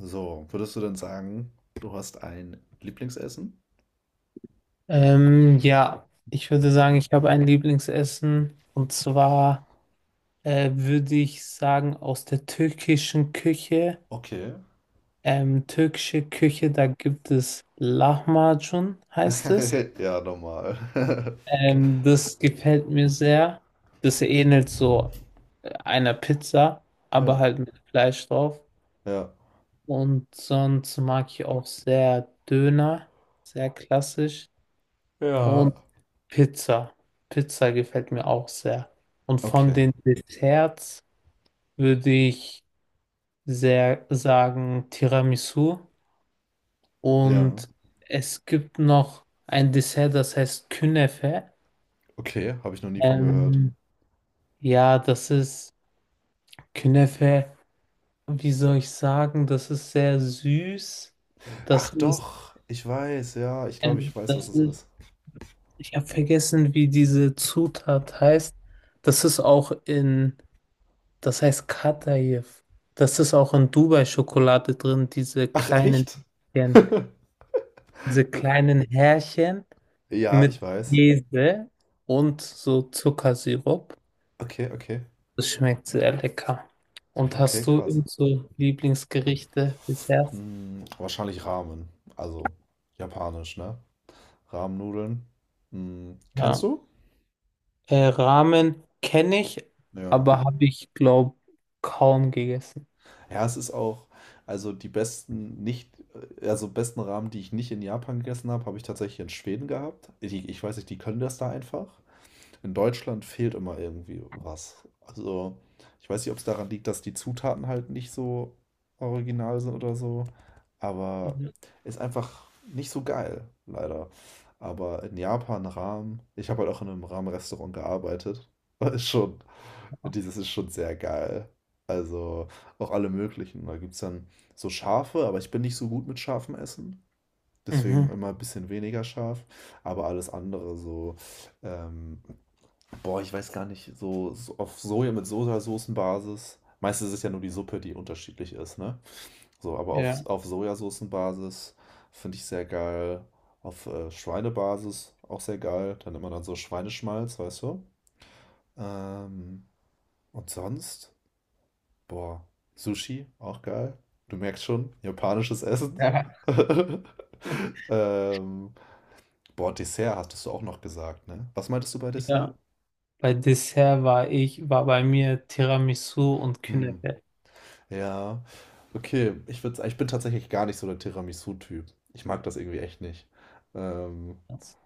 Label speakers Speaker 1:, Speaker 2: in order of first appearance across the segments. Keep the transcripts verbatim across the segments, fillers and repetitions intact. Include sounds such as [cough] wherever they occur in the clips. Speaker 1: So, würdest du denn sagen, du hast ein Lieblingsessen?
Speaker 2: Ähm, ja, ich würde sagen, ich habe ein Lieblingsessen und zwar äh, würde ich sagen aus der türkischen Küche.
Speaker 1: Okay.
Speaker 2: Ähm, türkische Küche, da gibt es Lahmacun, heißt es.
Speaker 1: [laughs] Ja, normal. [laughs]
Speaker 2: Ähm, das gefällt mir sehr. Das ähnelt so äh, einer Pizza, aber
Speaker 1: Ja,
Speaker 2: halt mit Fleisch drauf.
Speaker 1: ja.
Speaker 2: Und sonst mag ich auch sehr Döner, sehr klassisch.
Speaker 1: Ja.
Speaker 2: Und Pizza. Pizza gefällt mir auch sehr. Und von
Speaker 1: Okay.
Speaker 2: den Desserts würde ich sehr sagen Tiramisu.
Speaker 1: Ja.
Speaker 2: Und es gibt noch ein Dessert, das heißt Künefe.
Speaker 1: Okay, habe ich noch nie von gehört.
Speaker 2: Ähm, ja, das ist Künefe. Wie soll ich sagen? Das ist sehr süß. Das
Speaker 1: Ach
Speaker 2: ist,
Speaker 1: doch, ich weiß, ja, ich glaube, ich
Speaker 2: ähm,
Speaker 1: weiß, was
Speaker 2: das
Speaker 1: es
Speaker 2: ist,
Speaker 1: ist.
Speaker 2: ich habe vergessen, wie diese Zutat heißt. Das ist auch in Das heißt Kataif. Das ist auch in Dubai-Schokolade drin, diese
Speaker 1: Ach
Speaker 2: kleinen
Speaker 1: echt? [laughs]
Speaker 2: Härchen, diese kleinen Härchen
Speaker 1: Ja,
Speaker 2: mit
Speaker 1: ich weiß.
Speaker 2: Käse und so Zuckersirup.
Speaker 1: Okay, okay.
Speaker 2: Das schmeckt sehr lecker. Und
Speaker 1: Okay,
Speaker 2: hast du
Speaker 1: krass.
Speaker 2: eben so Lieblingsgerichte, Desserts?
Speaker 1: Hm, wahrscheinlich Ramen. Also japanisch, ne? Ramennudeln. Hm, kennst
Speaker 2: Ja.
Speaker 1: du?
Speaker 2: Äh, Ramen kenne ich,
Speaker 1: Ja.
Speaker 2: aber habe ich, glaube kaum gegessen.
Speaker 1: Ja, es ist auch, also die besten nicht, also besten Ramen, die ich nicht in Japan gegessen habe, habe ich tatsächlich in Schweden gehabt. Ich, ich weiß nicht, die können das da einfach in Deutschland fehlt immer irgendwie was. Also, ich weiß nicht, ob es daran liegt, dass die Zutaten halt nicht so original sind oder so, aber
Speaker 2: Mhm.
Speaker 1: ist einfach nicht so geil, leider. Aber in Japan Ramen, ich habe halt auch in einem Ramen-Restaurant gearbeitet, [laughs] ist schon, dieses ist schon sehr geil. Also auch alle möglichen. Da gibt es dann so scharfe, aber ich bin nicht so gut mit scharfem Essen. Deswegen
Speaker 2: Mhm.
Speaker 1: immer ein bisschen weniger scharf. Aber alles andere, so ähm, boah, ich weiß gar nicht, so, so auf Soja mit Sojasoßenbasis. Meistens ist es ja nur die Suppe, die unterschiedlich ist, ne? So, aber auf,
Speaker 2: Ja.
Speaker 1: auf Sojasoßenbasis finde ich sehr geil. Auf äh, Schweinebasis auch sehr geil. Dann immer dann so Schweineschmalz, weißt du? Ähm, und sonst, boah, Sushi auch geil. Du merkst schon, japanisches Essen.
Speaker 2: Ja.
Speaker 1: [laughs]
Speaker 2: [laughs]
Speaker 1: Ähm, Boah, Dessert hattest du auch noch gesagt, ne? Was meintest du bei Dessert?
Speaker 2: Ja. Bei Dessert war ich, war bei mir Tiramisu und
Speaker 1: Hm.
Speaker 2: Künefe.
Speaker 1: Ja, okay. Ich würde, ich bin tatsächlich gar nicht so der Tiramisu-Typ. Ich mag das irgendwie echt nicht. Ähm,
Speaker 2: Das-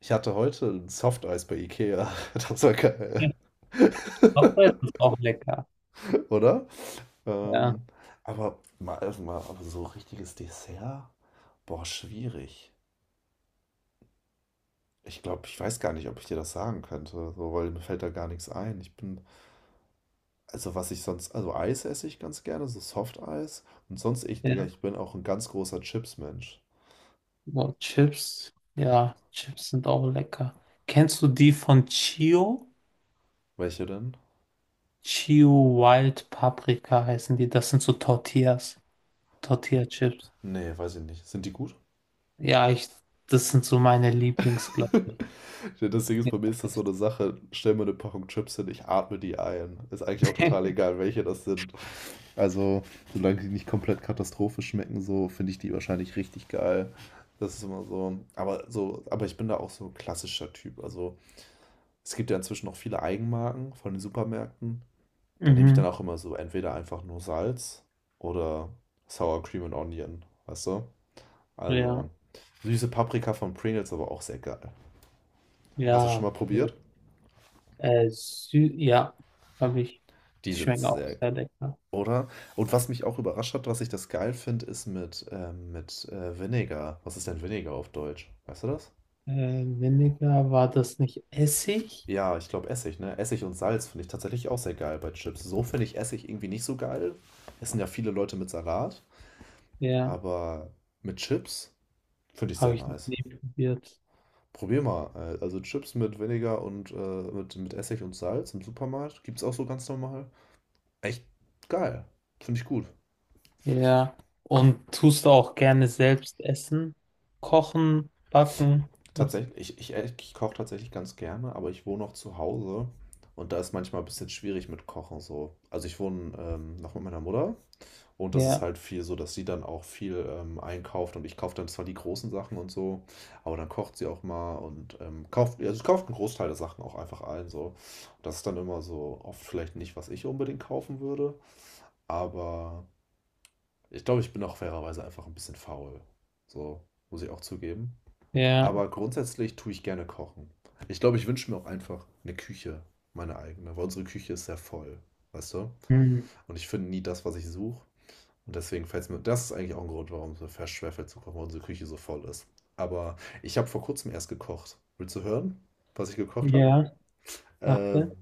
Speaker 1: Ich hatte heute ein Softeis bei Ikea. [laughs] Das war geil,
Speaker 2: Auch das ist auch lecker.
Speaker 1: oder?
Speaker 2: Ja,
Speaker 1: Ähm, aber mal, also mal aber so richtiges Dessert? Boah, schwierig. Ich glaube, ich weiß gar nicht, ob ich dir das sagen könnte, so, weil mir fällt da gar nichts ein. Ich bin, also was ich sonst, also Eis esse ich ganz gerne, so Softeis. Und sonst ich, Digga,
Speaker 2: ja.
Speaker 1: ich bin auch ein ganz großer Chips-Mensch.
Speaker 2: Boah, Chips. Ja, Chips sind auch lecker. Kennst du die von Chio?
Speaker 1: Welche denn?
Speaker 2: Chio Wild Paprika heißen die. Das sind so Tortillas. Tortilla-Chips.
Speaker 1: Nee, weiß ich nicht. Sind die gut?
Speaker 2: Ja, ich, das sind so meine Lieblings, glaube ich.
Speaker 1: Ja, das Ding ist, bei mir ist das so eine Sache, stell mir eine Packung Chips hin, ich atme die ein. Ist eigentlich auch total
Speaker 2: [laughs]
Speaker 1: egal, welche das sind. Also, solange die nicht komplett katastrophisch schmecken, so finde ich die wahrscheinlich richtig geil. Das ist immer so. Aber so, aber ich bin da auch so ein klassischer Typ. Also, es gibt ja inzwischen auch viele Eigenmarken von den Supermärkten. Da nehme ich dann
Speaker 2: Mhm.
Speaker 1: auch immer so entweder einfach nur Salz oder Sour Cream and Onion, weißt du? Also,
Speaker 2: Ja,
Speaker 1: süße Paprika von Pringles, aber auch sehr geil. Hast du das schon
Speaker 2: ja.
Speaker 1: mal probiert?
Speaker 2: Äh, Sü ja, habe ich.
Speaker 1: Die
Speaker 2: Die
Speaker 1: sind
Speaker 2: schmecken auch
Speaker 1: sehr.
Speaker 2: sehr lecker.
Speaker 1: Oder? Und was mich auch überrascht hat, was ich das geil finde, ist mit, ähm, mit äh, Vinegar. Was ist denn Vinegar auf Deutsch? Weißt du das?
Speaker 2: Äh, Vinegar, war das nicht Essig?
Speaker 1: Ja, ich glaube Essig, ne? Essig und Salz finde ich tatsächlich auch sehr geil bei Chips. So finde ich Essig irgendwie nicht so geil. Essen ja viele Leute mit Salat,
Speaker 2: Ja,
Speaker 1: aber mit Chips finde ich sehr
Speaker 2: habe ich noch
Speaker 1: nice.
Speaker 2: nie probiert.
Speaker 1: Probier mal. äh, Also Chips mit Vinegar und äh, mit, mit Essig und Salz im Supermarkt. Gibt's auch so ganz normal. Echt geil. Finde ich gut.
Speaker 2: Ja, und tust du auch gerne selbst essen? Kochen, backen? Was?
Speaker 1: Tatsächlich, ich, ich, äh, ich koche tatsächlich ganz gerne, aber ich wohne auch zu Hause und da ist manchmal ein bisschen schwierig mit Kochen so. Also ich wohne ähm, noch mit meiner Mutter und das ist
Speaker 2: Ja,
Speaker 1: halt viel so, dass sie dann auch viel ähm, einkauft und ich kaufe dann zwar die großen Sachen und so, aber dann kocht sie auch mal und ähm, kauft, also sie kauft einen Großteil der Sachen auch einfach ein so. Das ist dann immer so oft vielleicht nicht, was ich unbedingt kaufen würde, aber ich glaube, ich bin auch fairerweise einfach ein bisschen faul. So, muss ich auch zugeben.
Speaker 2: ja,
Speaker 1: Aber grundsätzlich tue ich gerne kochen. Ich glaube, ich wünsche mir auch einfach eine Küche, meine eigene, weil unsere Küche ist sehr voll, weißt du?
Speaker 2: hm.
Speaker 1: Und ich finde nie das, was ich suche. Und deswegen fällt's mir das ist eigentlich auch ein Grund, warum es mir fast schwerfällt zu kochen, weil unsere Küche so voll ist. Aber ich habe vor Kurzem erst gekocht. Willst du hören, was ich gekocht habe?
Speaker 2: Ja,
Speaker 1: Ähm,
Speaker 2: warte.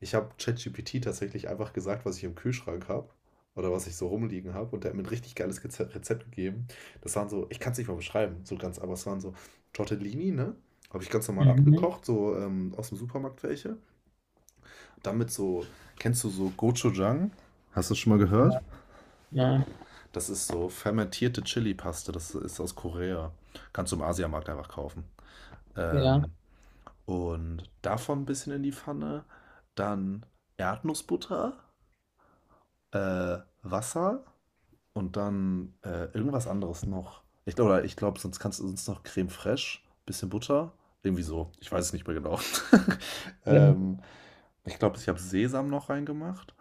Speaker 1: Ich habe ChatGPT tatsächlich einfach gesagt, was ich im Kühlschrank habe oder was ich so rumliegen habe und der hat mir ein richtig geiles Geze- Rezept gegeben. Das waren so, ich kann es nicht mal beschreiben, so ganz, aber es waren so Tortellini, ne? Habe ich ganz normal
Speaker 2: Mhm.
Speaker 1: abgekocht, so ähm, aus dem Supermarkt welche. Damit so, kennst du so Gochujang? Hast du das schon mal gehört?
Speaker 2: Ja, ja,
Speaker 1: Das ist so fermentierte Chili-Paste, das ist aus Korea. Kannst du im Asiamarkt einfach kaufen.
Speaker 2: ja,
Speaker 1: Ähm, und davon ein bisschen in die Pfanne. Dann Erdnussbutter äh, Wasser und dann äh, irgendwas anderes noch. Ich glaube, ich glaube, sonst kannst du sonst noch Creme fraiche, bisschen Butter, irgendwie so. Ich weiß es nicht mehr genau. [laughs]
Speaker 2: ja.
Speaker 1: ähm, ich glaube, ich habe Sesam noch reingemacht.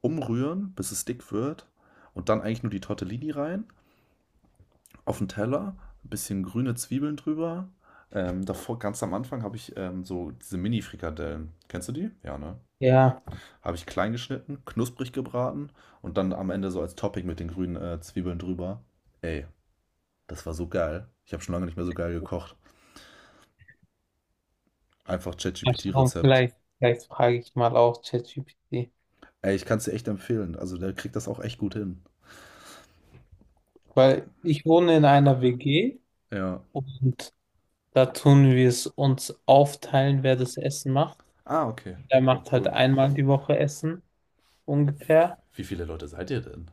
Speaker 1: Umrühren, bis es dick wird. Und dann eigentlich nur die Tortellini rein, auf den Teller, ein bisschen grüne Zwiebeln drüber. Ähm, davor, ganz am Anfang, habe ich ähm, so diese Mini-Frikadellen. Kennst du die? Ja, ne?
Speaker 2: Ja.
Speaker 1: Habe ich klein geschnitten, knusprig gebraten und dann am Ende so als Topping mit den grünen äh, Zwiebeln drüber. Ey, das war so geil. Ich habe schon lange nicht mehr so geil gekocht. Einfach
Speaker 2: Mal schauen,
Speaker 1: ChatGPT-Rezept.
Speaker 2: vielleicht, vielleicht frage ich mal auch ChatGPT.
Speaker 1: Ey, ich kann es dir echt empfehlen. Also der kriegt das auch echt gut hin.
Speaker 2: Weil ich wohne in einer W G
Speaker 1: Ja.
Speaker 2: und da tun wir es uns aufteilen, wer das Essen macht.
Speaker 1: Ah, okay.
Speaker 2: Der macht halt
Speaker 1: Cool.
Speaker 2: einmal die Woche Essen, ungefähr.
Speaker 1: Wie viele Leute seid ihr denn?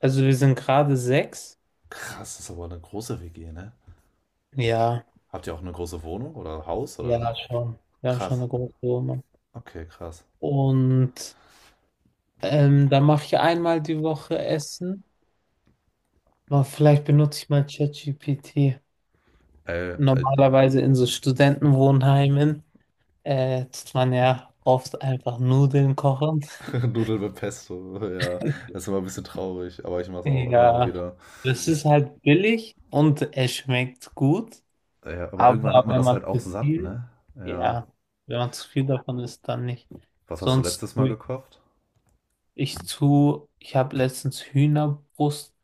Speaker 2: Also wir sind gerade sechs.
Speaker 1: Krass, das ist aber eine große W G, ne?
Speaker 2: Ja,
Speaker 1: Habt ihr auch eine große Wohnung oder Haus oder?
Speaker 2: ja, schon. Wir haben schon
Speaker 1: Krass.
Speaker 2: eine große Wohnung.
Speaker 1: Okay, krass.
Speaker 2: Und ähm, dann mache ich einmal die Woche Essen. Aber vielleicht benutze ich mal ChatGPT.
Speaker 1: Ey, alt-
Speaker 2: Normalerweise in so Studentenwohnheimen äh, tut man ja oft einfach Nudeln kochen.
Speaker 1: [laughs] Nudeln mit Pesto, ja.
Speaker 2: [laughs]
Speaker 1: Das ist immer ein bisschen traurig, aber ich mache es auch immer mal
Speaker 2: Ja,
Speaker 1: wieder.
Speaker 2: das ist
Speaker 1: Ist,
Speaker 2: halt billig und es schmeckt gut.
Speaker 1: Ja, aber irgendwann
Speaker 2: Aber
Speaker 1: hat man
Speaker 2: wenn
Speaker 1: das
Speaker 2: man
Speaker 1: halt auch
Speaker 2: zu
Speaker 1: satt,
Speaker 2: viel,
Speaker 1: ne? Ja.
Speaker 2: ja, wenn man zu viel davon isst, dann nicht.
Speaker 1: Was hast du
Speaker 2: Sonst
Speaker 1: letztes Mal
Speaker 2: tue ich,
Speaker 1: gekocht?
Speaker 2: ich zu, ich habe letztens Hühnerbrust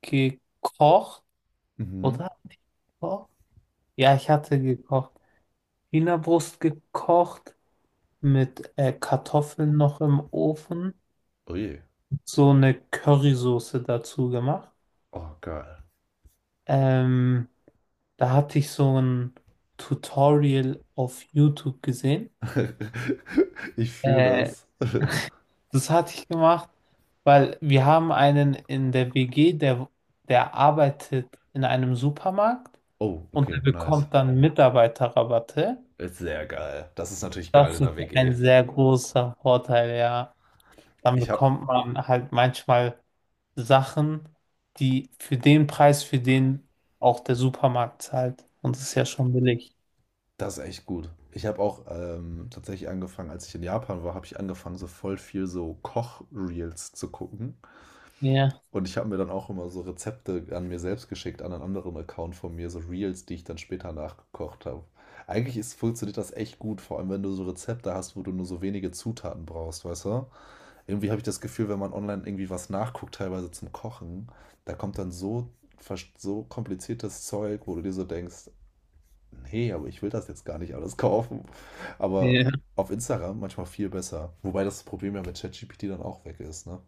Speaker 2: gekocht,
Speaker 1: Mhm.
Speaker 2: oder? Hatte ich gekocht? Ja, ich hatte gekocht. Hühnerbrust gekocht mit äh, Kartoffeln noch im Ofen,
Speaker 1: Ui.
Speaker 2: so eine Currysoße dazu gemacht.
Speaker 1: Oh, geil.
Speaker 2: Ähm, da hatte ich so ein Tutorial auf YouTube gesehen.
Speaker 1: [laughs] Ich fühle
Speaker 2: Äh,
Speaker 1: das.
Speaker 2: Das hatte ich gemacht, weil wir haben einen in der W G, der, der arbeitet in einem Supermarkt
Speaker 1: Oh,
Speaker 2: und der
Speaker 1: okay, nice.
Speaker 2: bekommt dann Mitarbeiterrabatte.
Speaker 1: Ist sehr geil. Das ist natürlich geil
Speaker 2: Das
Speaker 1: in
Speaker 2: ist
Speaker 1: der W G.
Speaker 2: ein sehr großer Vorteil, ja. Dann
Speaker 1: Ich habe
Speaker 2: bekommt man halt manchmal Sachen, die für den Preis, für den auch der Supermarkt zahlt. Und das ist ja schon billig.
Speaker 1: das ist echt gut. Ich habe auch ähm, tatsächlich angefangen, als ich in Japan war, habe ich angefangen, so voll viel so Koch-Reels zu gucken.
Speaker 2: Ja.
Speaker 1: Und ich habe mir dann auch immer so Rezepte an mir selbst geschickt, an einen anderen Account von mir, so Reels, die ich dann später nachgekocht habe. Eigentlich ist, funktioniert das echt gut, vor allem wenn du so Rezepte hast, wo du nur so wenige Zutaten brauchst, weißt du? Irgendwie habe ich das Gefühl, wenn man online irgendwie was nachguckt, teilweise zum Kochen, da kommt dann so, vers- so kompliziertes Zeug, wo du dir so denkst, nee, aber ich will das jetzt gar nicht alles [laughs] kaufen. Aber
Speaker 2: Ja.
Speaker 1: auf Instagram manchmal viel besser. Wobei das Problem ja mit ChatGPT dann auch weg ist, ne?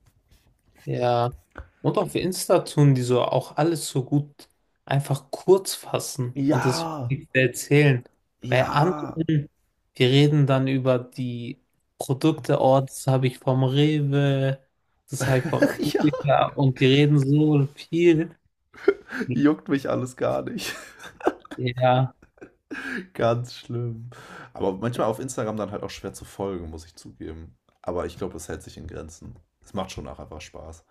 Speaker 2: Ja. Und auf Insta tun die so auch alles so gut einfach kurz fassen und das
Speaker 1: Ja,
Speaker 2: wirklich erzählen. Bei
Speaker 1: ja,
Speaker 2: anderen, wir reden dann über die Produkte, oh, das habe ich vom Rewe, das habe ich vom
Speaker 1: [laughs] Ja,
Speaker 2: Edeka und die reden so viel.
Speaker 1: juckt mich alles gar nicht.
Speaker 2: Ja,
Speaker 1: [laughs] Ganz schlimm. Aber manchmal auf Instagram dann halt auch schwer zu folgen, muss ich zugeben. Aber ich glaube, es hält sich in Grenzen. Es macht schon auch einfach Spaß.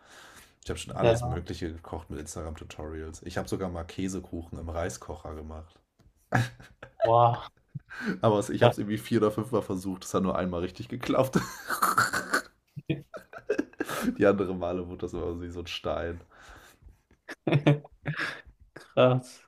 Speaker 1: Ich habe schon alles
Speaker 2: ja,
Speaker 1: Mögliche gekocht mit Instagram-Tutorials. Ich habe sogar mal Käsekuchen im Reiskocher gemacht.
Speaker 2: wow,
Speaker 1: Aber es- ich habe es irgendwie vier oder fünfmal versucht. Es hat nur einmal richtig geklappt. [laughs] Die anderen Male wurde das immer so wie so ein Stein.
Speaker 2: [laughs] krass.